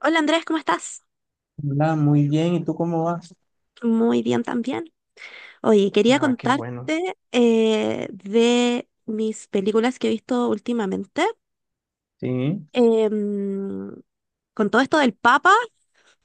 Hola, Andrés, ¿cómo estás? Hola, muy bien. ¿Y tú cómo vas? Muy bien también. Oye, quería Ah, qué contarte bueno. De mis películas que he visto últimamente. Sí. Em, con todo esto del Papa,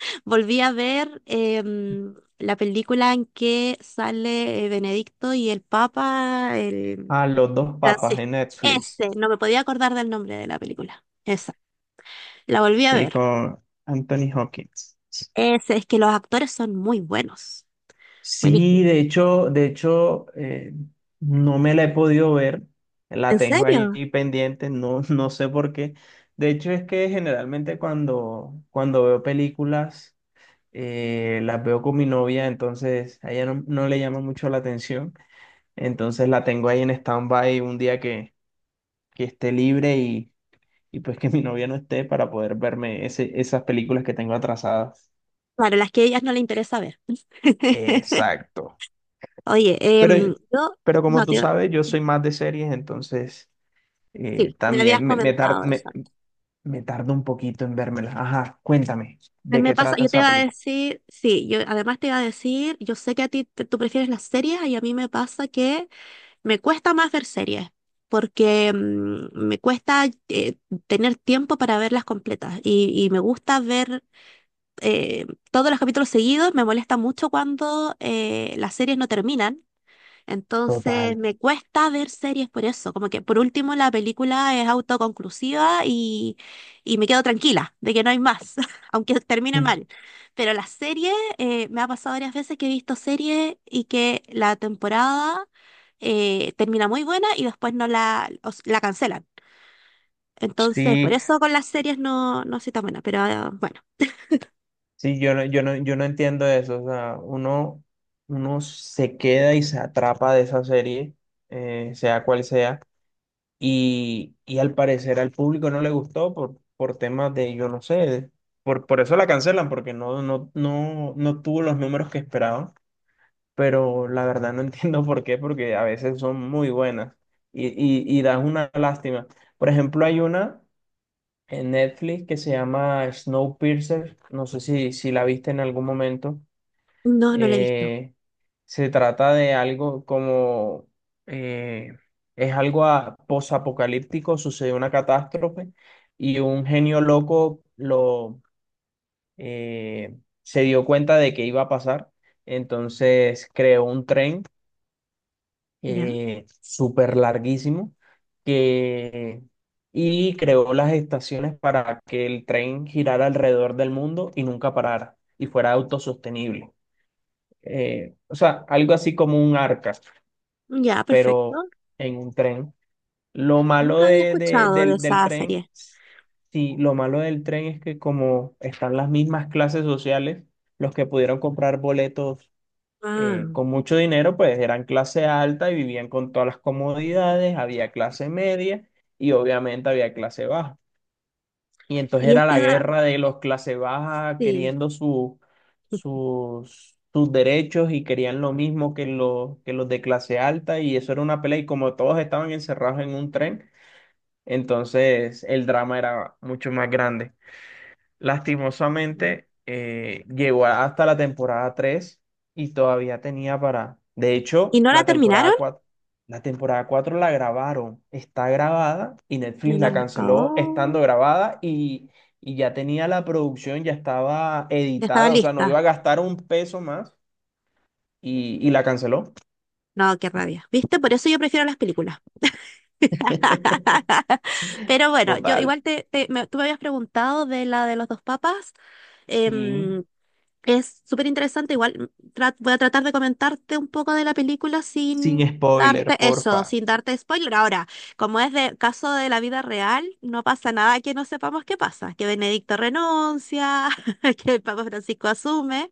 volví a ver la película en que sale Benedicto y el Papa, el Ah, Los dos papas de Francisco. Netflix. Ese, no me podía acordar del nombre de la película. Esa, la volví a Sí, ver. con Anthony Hopkins. Ese, es que los actores son muy buenos. Buenísimo. Sí, de hecho, no me la he podido ver. ¿En La tengo ahí serio? pendiente, no, no sé por qué. De hecho, es que generalmente cuando veo películas, las veo con mi novia, entonces a ella no, no le llama mucho la atención. Entonces la tengo ahí en stand-by un día que esté libre y pues que mi novia no esté para poder verme esas películas que tengo atrasadas. Claro, las que a ellas no les interesa ver. Exacto. Oye, Pero, yo pero como no tú te... sabes, yo Sí, soy más de series, entonces sí, me habías también comentado eso antes. me tardo un poquito en vérmelas. Ajá, cuéntame, A mí ¿de me qué pasa, trata yo te esa iba a película? decir, sí, yo además te iba a decir, yo sé que a ti tú prefieres las series y a mí me pasa que me cuesta más ver series porque me cuesta tener tiempo para verlas completas y me gusta ver eh, todos los capítulos seguidos, me molesta mucho cuando las series no terminan. Entonces Total. me cuesta ver series por eso, como que por último la película es autoconclusiva y me quedo tranquila de que no hay más, aunque termine Mm. mal. Pero las series, me ha pasado varias veces que he visto series y que la temporada termina muy buena y después no la, os- la cancelan. Entonces por Sí, eso con las series no soy tan buena, pero ah, bueno, sí, yo no, yo no, yo no entiendo eso. O sea, uno, uno se queda y se atrapa de esa serie, sea cual sea. Y al parecer al público no le gustó por temas de, yo no sé, por eso la cancelan, porque no, no, no, no tuvo los números que esperaban. Pero la verdad no entiendo por qué, porque a veces son muy buenas y das una lástima. Por ejemplo, hay una en Netflix que se llama Snowpiercer, no sé si, si la viste en algún momento no, no la he visto. eh, se trata de algo como, eh, es algo posapocalíptico, sucede una catástrofe y un genio loco lo, eh, se dio cuenta de que iba a pasar, entonces creó un tren Ya, súper larguísimo que, y creó las estaciones para que el tren girara alrededor del mundo y nunca parara y fuera autosostenible o sea, algo así como un arca, ya, pero perfecto. en un tren. Lo malo Nunca había escuchado de del esa tren, serie. sí, lo malo del tren es que como están las mismas clases sociales, los que pudieron comprar boletos Ah, con mucho dinero, pues eran clase alta y vivían con todas las comodidades, había clase media y obviamente había clase baja. Y entonces y era la esta, guerra de los clase baja sí. queriendo sus, sus derechos y querían lo mismo que los de clase alta y eso era una pelea y como todos estaban encerrados en un tren, entonces el drama era mucho más grande. No. Lastimosamente, llegó hasta la temporada 3 y todavía tenía para... De ¿Y hecho, no la la terminaron? temporada 4, la temporada 4 la grabaron, está grabada y Y Netflix no la la- canceló estando Oh, grabada y ya tenía la producción, ya estaba ya estaba editada, o sea, no iba lista. a gastar un peso más y la canceló. No, qué rabia. ¿Viste? Por eso yo prefiero las películas. Pero bueno, yo Total. igual tú me habías preguntado de la de los dos papas. Sí, Em, es súper interesante. Igual voy a tratar de comentarte un poco de la película sin sin spoiler, darte eso, porfa. sin darte spoiler. Ahora, como es de caso de la vida real, no pasa nada que no sepamos qué pasa. Que Benedicto renuncia, que el Papa Francisco asume.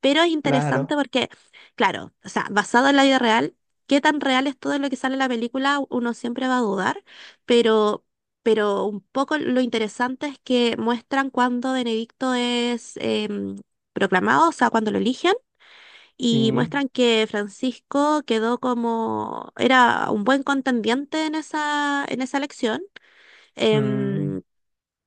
Pero es interesante Claro, porque, claro, o sea, basado en la vida real, qué tan real es todo lo que sale en la película, uno siempre va a dudar, pero, pero un poco lo interesante es que muestran cuando Benedicto es proclamado, o sea, cuando lo eligen, y sí. muestran que Francisco quedó como, era un buen contendiente en esa elección, Mm, em,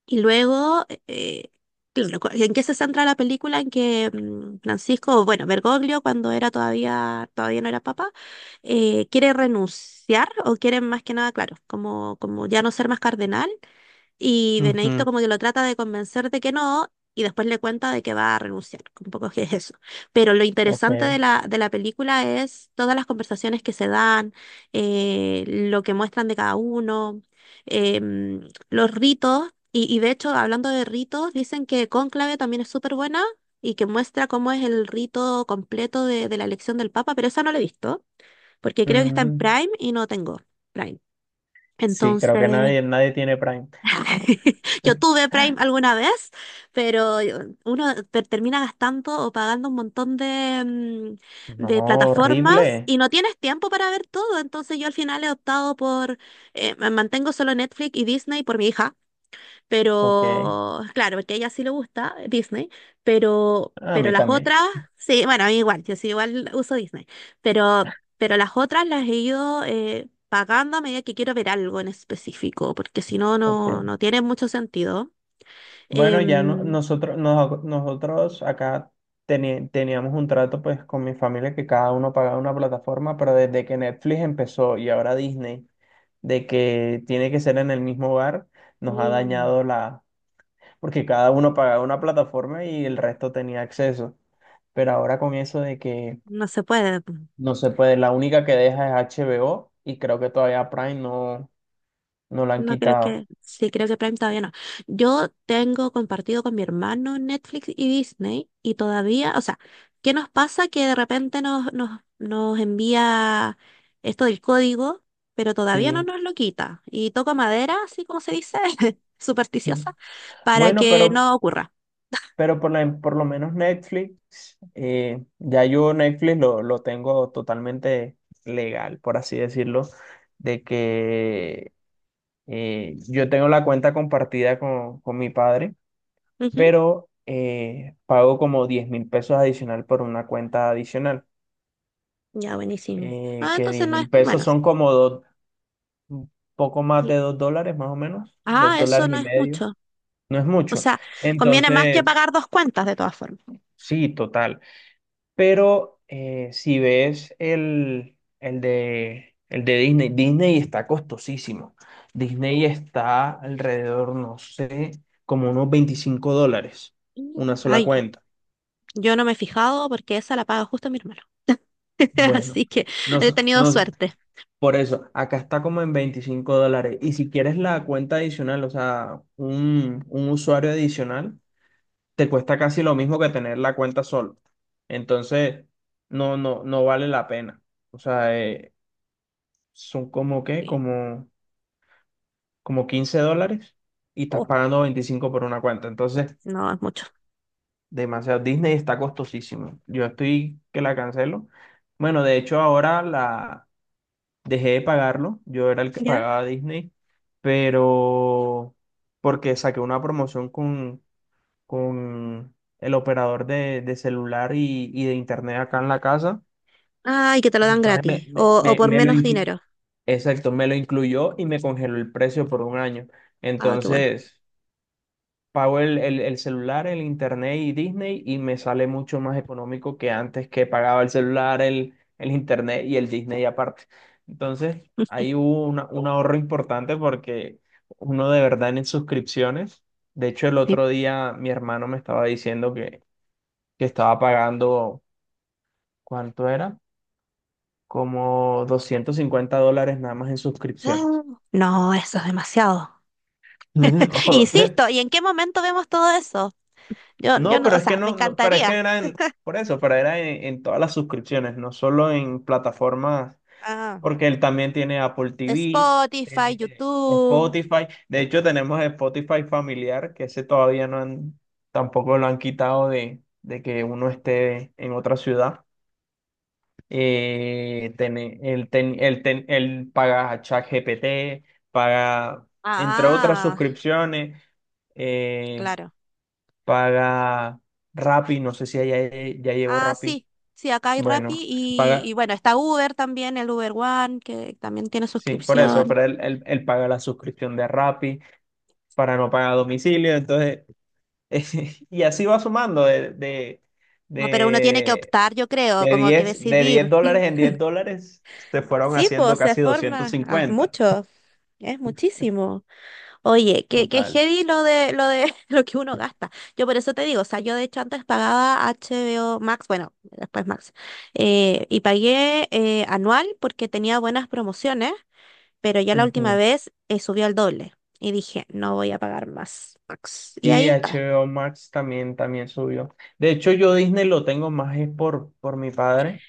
y luego, claro, ¿en qué se centra la película? En que Francisco, bueno, Bergoglio, cuando era todavía, todavía no era papa, quiere renunciar o quiere más que nada, claro, como, como ya no ser más cardenal y Benedicto ujú. como que lo trata de convencer de que no, y después le cuenta de que va a renunciar, un poco que es eso. Pero lo Ok. interesante de la película es todas las conversaciones que se dan, lo que muestran de cada uno, los ritos, y de hecho, hablando de ritos, dicen que Cónclave también es súper buena y que muestra cómo es el rito completo de la elección del Papa, pero esa no la he visto, porque creo que está en Mm. Prime y no tengo Prime. Sí, creo que Entonces... nadie, nadie tiene Prime. Yo tuve Prime alguna vez, pero uno termina gastando o pagando un montón de, No, de plataformas horrible. y no tienes tiempo para ver todo. Entonces yo al final he optado por, me mantengo solo Netflix y Disney por mi hija, Ok. pero claro, porque a ella sí le gusta Disney, A pero mí las también. otras, sí, bueno, a mí igual, yo sí igual uso Disney, pero las otras las he ido pagando a medida que quiero ver algo en específico, porque si no, no, Ok. no tiene mucho sentido. Bueno, ya Em, nosotros, nosotros acá teníamos un trato pues con mi familia que cada uno pagaba una plataforma, pero desde que Netflix empezó y ahora Disney, de que tiene que ser en el mismo hogar, nos ha y dañado la... porque cada uno pagaba una plataforma y el resto tenía acceso. Pero ahora con eso de que no se puede. Pues, no se puede, la única que deja es HBO y creo que todavía Prime no, no la han no creo quitado. que, sí, creo que Prime todavía no. Yo tengo compartido con mi hermano Netflix y Disney y todavía, o sea, ¿qué nos pasa? Que de repente nos envía esto del código, pero todavía no Sí. nos lo quita. Y toco madera, así como se dice, Mm. supersticiosa, para Bueno, que no ocurra. pero por, por lo menos Netflix, ya yo Netflix lo tengo totalmente legal, por así decirlo, de que yo tengo la cuenta compartida con mi padre, Ujú. pero pago como 10.000 pesos adicional por una cuenta adicional, Ya, buenísimo. Ah, que entonces diez no es, mil pesos bueno, son como dos un poco más sí. de 2 dólares, más o menos, dos Ah, eso dólares no y es medio, mucho. no es O mucho. sea, conviene más que Entonces, pagar dos cuentas de todas formas. sí, total. Pero si ves el de Disney, Disney está costosísimo. Disney está alrededor, no sé, como unos 25 dólares, Mm. una sola Ay, cuenta. yo no me he fijado porque esa la paga justo mi hermano. Bueno, Así que no he tenido nos, suerte. por eso, acá está como en 25 dólares. Y si quieres la cuenta adicional, o sea, un usuario adicional, te cuesta casi lo mismo que tener la cuenta solo. Entonces, no, no, no vale la pena. O sea, son como qué, Sí. como, como 15 dólares y estás Oh, pagando 25 por una cuenta. Entonces, no, es mucho. demasiado. Disney está costosísimo. Yo estoy que la cancelo. Bueno, de hecho, ahora la dejé de pagarlo. Yo era el que ¿Ya? pagaba Disney, pero porque saqué una promoción con el operador de celular y de internet acá en la casa. Ay, que te lo dan Entonces gratis o por me lo menos dinero. exacto, me lo incluyó y me congeló el precio por un año. Ah, qué bueno. Entonces, pago el celular, el internet y Disney y me sale mucho más económico que antes que pagaba el celular, el internet y el Disney aparte. Entonces, ahí hubo un ahorro importante porque uno de verdad en suscripciones. De hecho, el Sí. otro día mi hermano me estaba diciendo que estaba pagando, ¿cuánto era? Como 250 dólares nada más en suscripciones. Ah, no, eso es demasiado. No, Insisto, ¿y en qué momento vemos todo eso? Yo no, no, pero o es sea, que me no, no, pero es que encantaría. Por eso, pero era en todas las suscripciones, no solo en plataformas, Ah. porque él también tiene Apple TV, Spotify, tiene YouTube. Spotify. De hecho, tenemos Spotify familiar, que ese todavía no han, tampoco lo han quitado de que uno esté en otra ciudad. El paga a ChatGPT, paga, entre otras Ah, suscripciones, eh, claro. paga Rappi, no sé si ya, ya llevo Ah, Rappi. sí. Sí, acá hay Rappi Bueno, y, paga, y bueno, está Uber también, el Uber One, que también tiene sí, por eso, suscripción. pero él, él paga la suscripción de Rappi para no pagar domicilio, entonces, y así va sumando No, pero uno tiene que de, optar, yo creo, como que de 10 decidir. dólares en 10 dólares, se fueron Sí, haciendo pues se casi doscientos forma, ah, es cincuenta mucho, es muchísimo. Oye, qué total. heavy lo de lo que uno gasta. Yo por eso te digo, o sea, yo de hecho antes pagaba HBO Max, bueno, después Max, y pagué anual porque tenía buenas promociones, pero ya la última Ujú. vez subió al doble y dije, no voy a pagar más Max. Y Y ahí está. HBO Max también, también subió. De hecho, yo Disney lo tengo más es por mi padre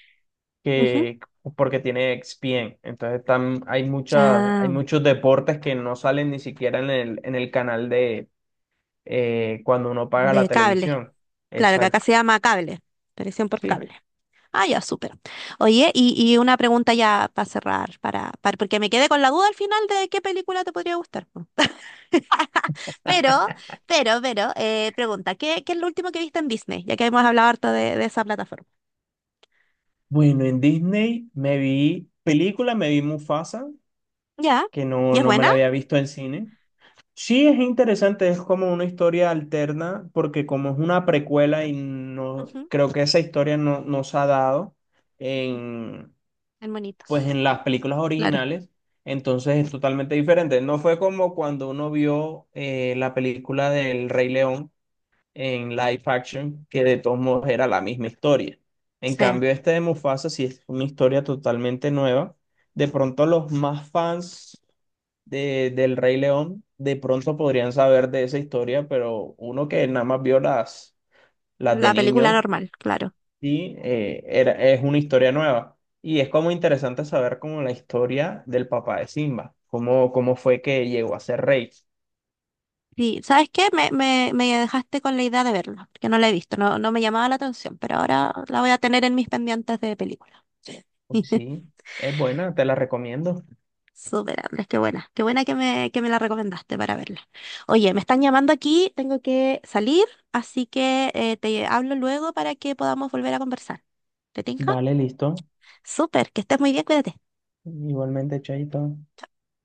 Ujú. que porque tiene ESPN. Entonces están hay muchas, hay Ah, muchos deportes que no salen ni siquiera en el canal de cuando uno paga la de cable. televisión. Claro, que acá Exacto. se llama cable, televisión por Sí. cable. Ah, ya, súper. Oye, y una pregunta ya para cerrar, para, porque me quedé con la duda al final de qué película te podría gustar, po. Pero, pero, pregunta, ¿qué es lo último que viste en Disney? Ya que hemos hablado harto de esa plataforma. Bueno, en Disney me vi película, me vi Mufasa, ¿Ya? que no, ¿Y es no me buena? la había visto en cine. Sí, es interesante, es como una historia alterna, porque como es una precuela y no Ujú, creo que esa historia no, no se ha dado ujú. en, En pues monitos. en las películas Claro. originales, entonces es totalmente diferente. No fue como cuando uno vio la película del Rey León en live action, que de todos modos era la misma historia. En Sí. cambio, este de Mufasa sí es una historia totalmente nueva. De pronto los más fans de, del Rey León, de pronto podrían saber de esa historia, pero uno que nada más vio las de La película niño, normal, claro. sí, es una historia nueva. Y es como interesante saber como la historia del papá de Simba, cómo, cómo fue que llegó a ser rey. Sí, ¿sabes qué? Me dejaste con la idea de verla, que no la he visto, no, no me llamaba la atención, pero ahora la voy a tener en mis pendientes de película. Sí. Pues sí, es buena, te la recomiendo. Súper, Andrés, qué buena. Qué buena que me la recomendaste para verla. Oye, me están llamando aquí, tengo que salir, así que te hablo luego para que podamos volver a conversar. ¿Te tinca? Vale, listo. Súper, que estés muy bien, cuídate. Igualmente, Chaito.